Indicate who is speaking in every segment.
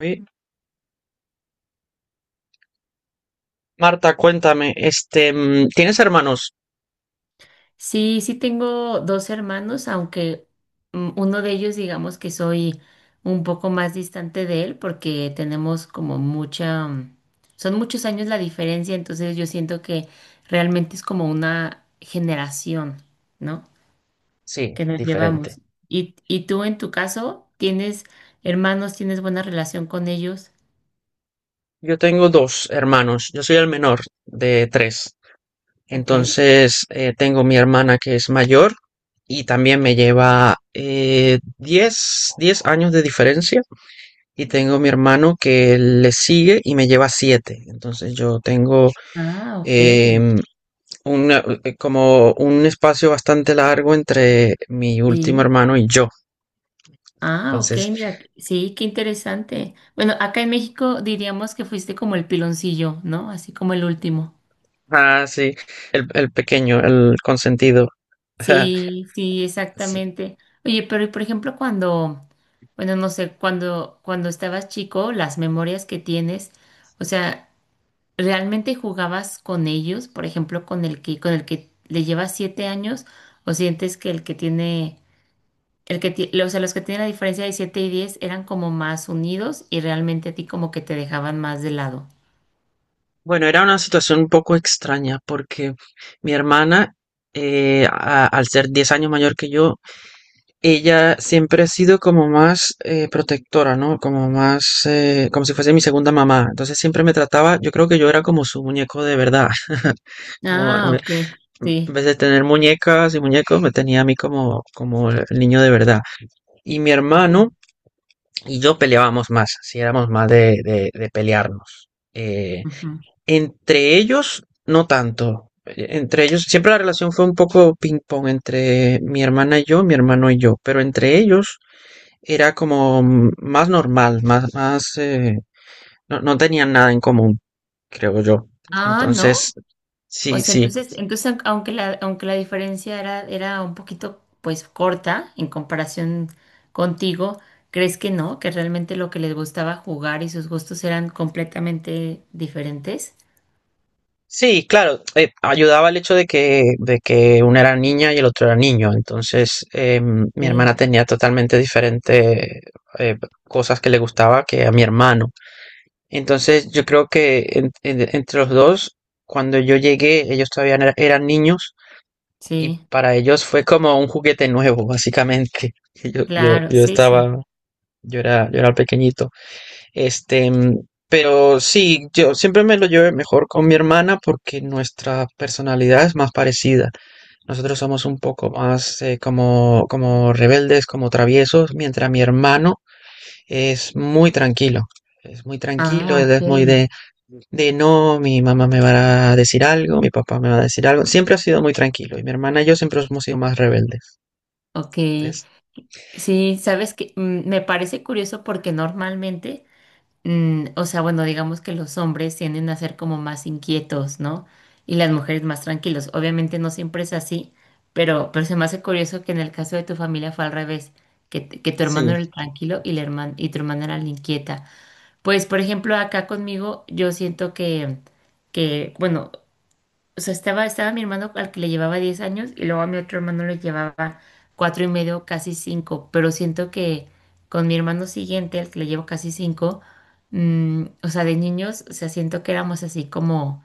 Speaker 1: Oye, Marta, cuéntame, este, ¿tienes hermanos?
Speaker 2: Sí, sí tengo dos hermanos, aunque uno de ellos digamos que soy un poco más distante de él porque tenemos como son muchos años la diferencia, entonces yo siento que realmente es como una generación, ¿no?
Speaker 1: Sí,
Speaker 2: Que nos
Speaker 1: diferente.
Speaker 2: llevamos. ¿Y tú en tu caso tienes hermanos, ¿tienes buena relación con ellos?
Speaker 1: Yo tengo dos hermanos, yo soy el menor de tres.
Speaker 2: Ok.
Speaker 1: Entonces, tengo mi hermana que es mayor y también me lleva 10 10 años de diferencia. Y tengo mi hermano que le sigue y me lleva 7. Entonces, yo tengo
Speaker 2: Ah, ok.
Speaker 1: em, como un espacio bastante largo entre mi último
Speaker 2: Sí.
Speaker 1: hermano y yo.
Speaker 2: Ah, ok,
Speaker 1: Entonces,
Speaker 2: mira, sí, qué interesante. Bueno, acá en México diríamos que fuiste como el piloncillo, ¿no? Así como el último.
Speaker 1: ah, sí, el pequeño, el consentido.
Speaker 2: Sí, sí,
Speaker 1: Sí.
Speaker 2: exactamente. Oye, pero y por ejemplo, cuando, bueno, no sé, cuando estabas chico, las memorias que tienes, o sea, ¿realmente jugabas con ellos? Por ejemplo, con el que le llevas 7 años, o sientes que el que tiene El que, ti- los que tienen la diferencia de 7 y 10 eran como más unidos y realmente a ti como que te dejaban más de lado.
Speaker 1: Bueno, era una situación un poco extraña porque mi hermana, al ser 10 años mayor que yo, ella siempre ha sido como más protectora, ¿no? Como más, como si fuese mi segunda mamá. Entonces siempre me trataba, yo creo que yo era como su muñeco de verdad. Como,
Speaker 2: Ah, ok,
Speaker 1: en
Speaker 2: sí.
Speaker 1: vez de tener muñecas y muñecos, me tenía a mí como, como el niño de verdad. Y mi
Speaker 2: Ujú,
Speaker 1: hermano y yo peleábamos más, si éramos más de pelearnos. Eh,
Speaker 2: ujú.
Speaker 1: Entre ellos, no tanto. Entre ellos, siempre la relación fue un poco ping-pong entre mi hermana y yo, mi hermano y yo, pero entre ellos era como más normal, más, no, no tenían nada en común, creo yo.
Speaker 2: Ah,
Speaker 1: Entonces,
Speaker 2: ¿no? O
Speaker 1: sí,
Speaker 2: sea,
Speaker 1: sí.
Speaker 2: entonces, entonces aun- aunque la diferencia era, era un poquito pues corta en comparación contigo, ¿crees que no? Que realmente lo que les gustaba jugar y sus gustos eran completamente diferentes.
Speaker 1: Sí, claro, ayudaba el hecho de que una era niña y el otro era niño. Entonces, mi hermana
Speaker 2: Sí,
Speaker 1: tenía totalmente diferentes cosas que le gustaba que a mi hermano. Entonces yo creo que entre los dos, cuando yo llegué, ellos todavía no eran niños y
Speaker 2: sí,
Speaker 1: para ellos fue como un juguete nuevo, básicamente. Y Yo, yo,
Speaker 2: claro,
Speaker 1: yo
Speaker 2: sí, sí.
Speaker 1: estaba, yo era pequeñito. Este, mm, pero sí, yo siempre me lo llevé mejor con mi hermana porque nuestra personalidad es más parecida. Nosotros somos un poco más como, como rebeldes, como traviesos, mientras mi hermano es muy tranquilo, es muy tranquilo,
Speaker 2: Ah,
Speaker 1: él
Speaker 2: ok,
Speaker 1: es muy de no, mi mamá me va a decir algo, mi papá me va a decir algo. Siempre ha sido muy tranquilo y mi hermana y yo siempre hemos sido más rebeldes,
Speaker 2: ok.
Speaker 1: ¿ves?
Speaker 2: Sí, sabes que me parece curioso porque normalmente, o sea, bueno, digamos que los hombres tienden a ser como más inquietos, ¿no? Y las mujeres más tranquilos. Obviamente no siempre es así, pero se me hace curioso que en el caso de tu familia fue al revés, que, t- que tu hermano
Speaker 1: Sí,
Speaker 2: era el
Speaker 1: sí.
Speaker 2: tranquilo y, la herman- y tu hermana era la inquieta. Pues, por ejemplo, acá conmigo yo siento que, bueno, o sea, estaba mi hermano al que le llevaba 10 años y luego a mi otro hermano le llevaba cuatro y medio, casi cinco, pero siento que con mi hermano siguiente, al que le llevo casi cinco, o sea, de niños, o sea, siento que éramos así como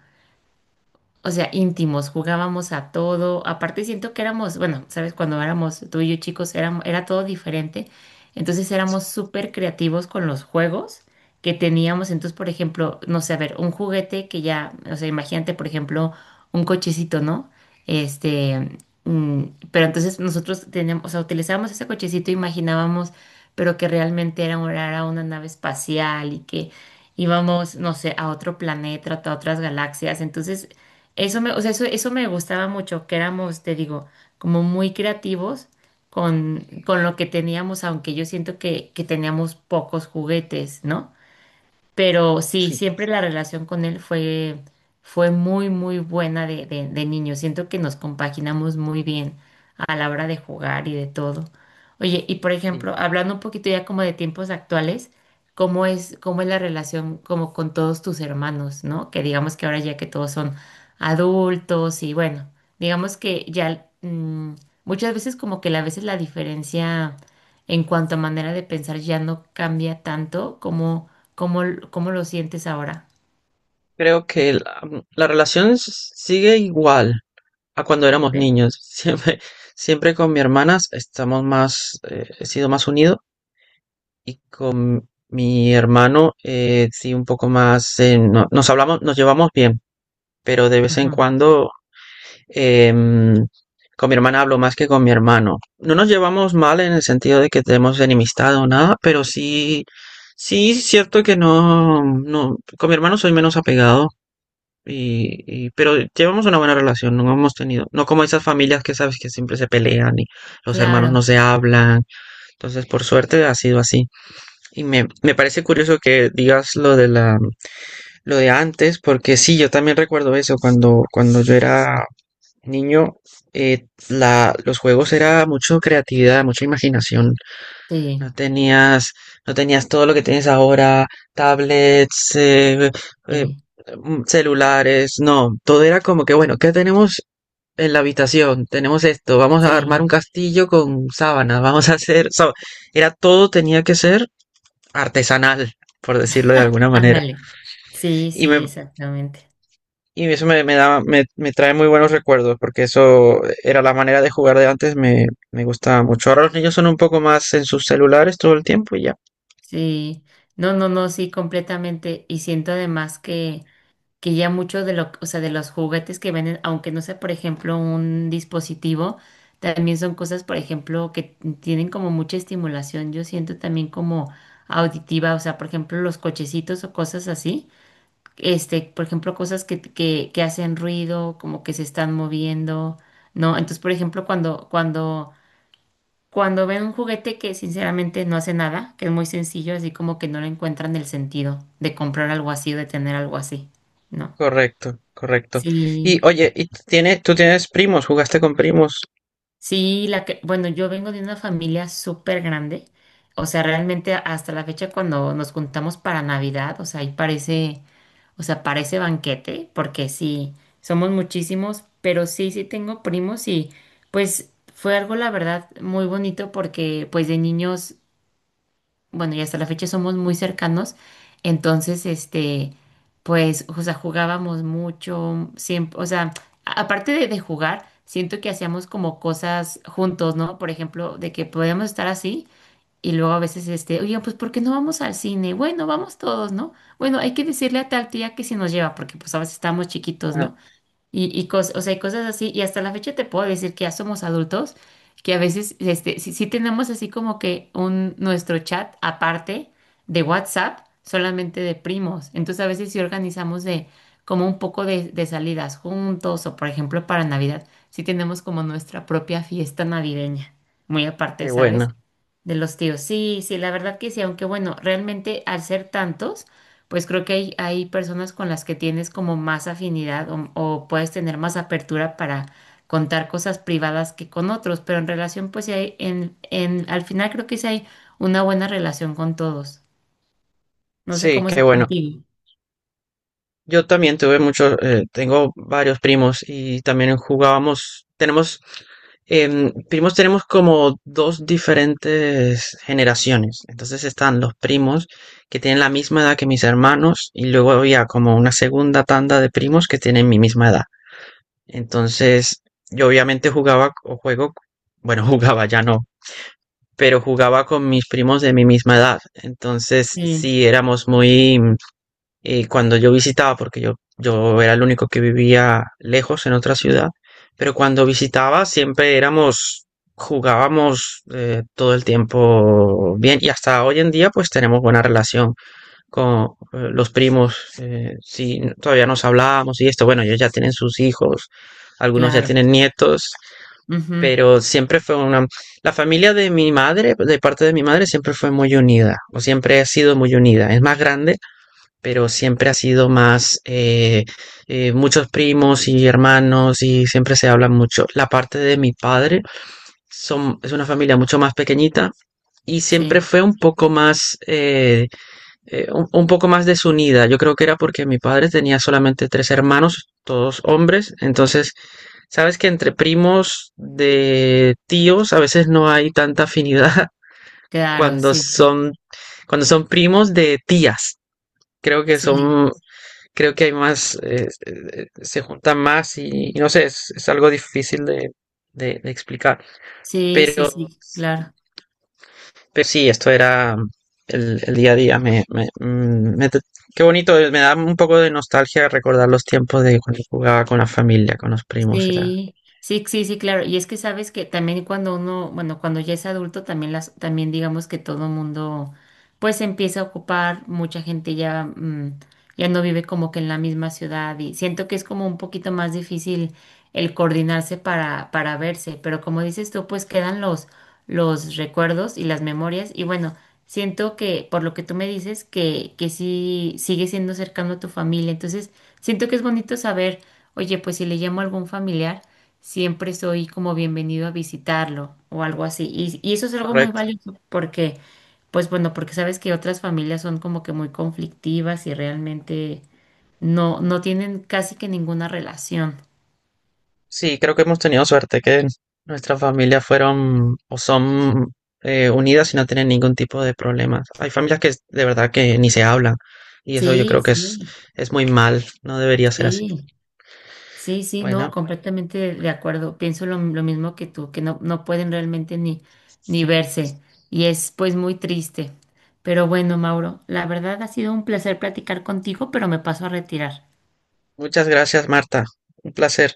Speaker 2: o sea, íntimos, jugábamos a todo. Aparte siento que éramos, bueno, sabes, cuando éramos tú y yo chicos, era todo diferente. Entonces éramos súper creativos con los juegos que teníamos. Entonces, por ejemplo, no sé, a ver, un juguete que ya, o sea, imagínate, por ejemplo, un cochecito, ¿no? Este, mm, pero entonces nosotros teníamos, o sea, utilizábamos ese cochecito, imaginábamos, pero que realmente era, era una nave espacial y que íbamos, no sé, a otro planeta, a otras galaxias. Entonces, eso me, o sea, eso me gustaba mucho, que éramos, te digo, como muy creativos con lo que teníamos, aunque yo siento que teníamos pocos juguetes, ¿no? Pero sí,
Speaker 1: Sí.
Speaker 2: siempre la relación con él fue, fue muy, muy buena de niño. Siento que nos compaginamos muy bien a la hora de jugar y de todo. Oye, y por ejemplo, hablando un poquito ya como de tiempos actuales, ¿cómo es la relación como con todos tus hermanos, ¿no? Que digamos que ahora ya que todos son adultos y bueno, digamos que ya muchas veces como que a veces la diferencia en cuanto a manera de pensar ya no cambia tanto como, como lo sientes ahora.
Speaker 1: Creo que la relación sigue igual a cuando éramos
Speaker 2: ¿Ok?
Speaker 1: niños. Siempre, siempre con mi hermana estamos más, he sido más unido y con mi hermano sí un poco más, nos hablamos, nos llevamos bien, pero de vez en
Speaker 2: Ajá.
Speaker 1: cuando. Em, con mi hermana hablo más que con mi hermano. No nos llevamos mal en el sentido de que tenemos enemistad o nada, pero sí, sí, es cierto que no, no, con mi hermano soy menos apegado. Pero llevamos una buena relación, no hemos tenido, no como esas familias que sabes que siempre se pelean y los hermanos
Speaker 2: Claro,
Speaker 1: no se hablan, entonces por suerte ha sido así. Me parece curioso que digas lo de antes, porque sí, yo también recuerdo eso cuando yo era niño, los juegos era mucho creatividad, mucha imaginación. No
Speaker 2: sí,
Speaker 1: tenías, no tenías todo lo que tienes ahora, tablets, eh,
Speaker 2: sí,
Speaker 1: celulares, no. Todo era como que, bueno, ¿qué tenemos en la habitación? Tenemos esto, vamos a armar un
Speaker 2: sí,
Speaker 1: castillo con sábanas, vamos a hacer, era todo tenía que ser artesanal, por decirlo de alguna manera.
Speaker 2: ándale. Sí,
Speaker 1: Y me,
Speaker 2: sí, exactamente.
Speaker 1: Y eso me da, me trae muy buenos recuerdos, porque eso era la manera de jugar de antes, me gustaba mucho. Ahora los niños son un poco más en sus celulares todo el tiempo y ya.
Speaker 2: Sí, no, no, no, sí, completamente. Y siento además que ya mucho de lo, o sea, de los juguetes que venden, aunque no sea, por ejemplo, un dispositivo, también son cosas, por ejemplo, que tienen como mucha estimulación. Yo siento también como auditiva, o sea, por ejemplo, los cochecitos o cosas así. Este, por ejemplo, cosas que hacen ruido, como que se están moviendo, ¿no? Entonces, por ejemplo, cuando, cuando, cuando ven un juguete que sinceramente no hace nada, que es muy sencillo, así como que no le encuentran el sentido de comprar algo así o de tener algo así, ¿no?
Speaker 1: Correcto, correcto. Y
Speaker 2: Sí,
Speaker 1: oye, ¿y tú tienes primos? ¿Jugaste con primos?
Speaker 2: sí, bueno, yo vengo de una familia súper grande, o sea, realmente hasta la fecha cuando nos juntamos para Navidad, o sea, ahí parece, o sea, parece banquete, porque sí, somos muchísimos, pero sí, sí tengo primos y pues fue algo, la verdad, muy bonito porque pues de niños bueno, y hasta la fecha somos muy cercanos, entonces, este, pues, o sea, jugábamos mucho, siempre, o sea, a- aparte de jugar, siento que hacíamos como cosas juntos, ¿no? Por ejemplo, de que podíamos estar así y luego a veces, este, oye, pues, ¿por qué no vamos al cine? Bueno, vamos todos, ¿no? Bueno, hay que decirle a tal tía que si nos lleva, porque pues a veces estábamos chiquitos,
Speaker 1: Ah,
Speaker 2: ¿no? Y cos- o sea, y cosas así, y hasta la fecha te puedo decir que ya somos adultos, que a veces este, sí, sí tenemos así como que un, nuestro chat aparte de WhatsApp, solamente de primos. Entonces a veces sí organizamos de como un poco de salidas juntos, o por ejemplo para Navidad, sí tenemos como nuestra propia fiesta navideña, muy aparte,
Speaker 1: qué
Speaker 2: ¿sabes?
Speaker 1: bueno.
Speaker 2: De los tíos, sí, sí, la verdad que sí, aunque bueno, realmente al ser tantos, pues creo que hay personas con las que tienes como más afinidad o puedes tener más apertura para contar cosas privadas que con otros, pero en relación, pues sí hay, al final creo que sí hay una buena relación con todos. No sé
Speaker 1: Sí,
Speaker 2: cómo
Speaker 1: qué
Speaker 2: sea
Speaker 1: bueno.
Speaker 2: contigo.
Speaker 1: Yo también tengo varios primos y también jugábamos, primos tenemos como dos diferentes generaciones. Entonces están los primos que tienen la misma edad que mis hermanos y luego había como una segunda tanda de primos que tienen mi misma edad. Entonces yo obviamente jugaba o juego, bueno, jugaba ya no, pero jugaba con mis primos de mi misma edad. Entonces
Speaker 2: Sí,
Speaker 1: sí éramos muy cuando yo visitaba, porque yo era el único que vivía lejos en otra ciudad, pero cuando visitaba siempre éramos, jugábamos todo el tiempo bien y hasta hoy en día pues tenemos buena relación con los primos, sí, todavía nos hablábamos y esto, bueno, ellos ya tienen sus hijos, algunos ya
Speaker 2: claro.
Speaker 1: tienen nietos,
Speaker 2: Ujú,
Speaker 1: pero siempre fue una... La familia de mi madre, de parte de mi madre, siempre fue muy unida, o siempre ha sido muy unida, es más grande pero siempre ha sido más muchos primos y hermanos y siempre se habla mucho. La parte de mi padre es una familia mucho más pequeñita y siempre
Speaker 2: sí,
Speaker 1: fue un poco más desunida. Yo creo que era porque mi padre tenía solamente tres hermanos, todos hombres. Entonces, sabes que entre primos de tíos a veces no hay tanta afinidad
Speaker 2: claro,
Speaker 1: cuando
Speaker 2: sí, sí,
Speaker 1: son cuando son primos de tías, creo que
Speaker 2: sí,
Speaker 1: son creo que hay más, se juntan más y no sé, es algo difícil de explicar.
Speaker 2: sí, sí,
Speaker 1: Pero,
Speaker 2: sí, claro.
Speaker 1: pero sí, esto era el día a día. Me- mm, me Qué bonito, me da un poco de nostalgia recordar los tiempos de cuando jugaba con la familia, con los primos y la...
Speaker 2: Sí, sí, sí, sí, claro. Y es que sabes que también cuando uno, bueno, cuando ya es adulto, también también digamos que todo el mundo, pues se empieza a ocupar, mucha gente ya, ya no vive como que en la misma ciudad y siento que es como un poquito más difícil el coordinarse para verse, pero como dices tú, pues quedan los recuerdos y las memorias. Y bueno, siento que por lo que tú me dices, que sí sigue siendo cercano a tu familia. Entonces, siento que es bonito saber, oye, pues si le llamo a algún familiar, siempre soy como bienvenido a visitarlo o algo así. Y eso es algo muy
Speaker 1: Correcto.
Speaker 2: valioso porque, pues bueno, porque sabes que otras familias son como que muy conflictivas y realmente no, no tienen casi que ninguna relación.
Speaker 1: Sí, creo que hemos tenido suerte que nuestras familias fueron o son unidas y no tienen ningún tipo de problemas. Hay familias que de verdad que ni se hablan y eso yo
Speaker 2: Sí,
Speaker 1: creo que es,
Speaker 2: sí,
Speaker 1: es muy mal, no debería ser así.
Speaker 2: sí. Sí, sí, no,
Speaker 1: Bueno,
Speaker 2: completamente de acuerdo. Pienso lo mismo que tú, que no, no pueden realmente ni, ni verse y es pues muy triste. Pero bueno, Mauro, la verdad ha sido un placer platicar contigo, pero me paso a retirar.
Speaker 1: muchas gracias, Marta. Un placer.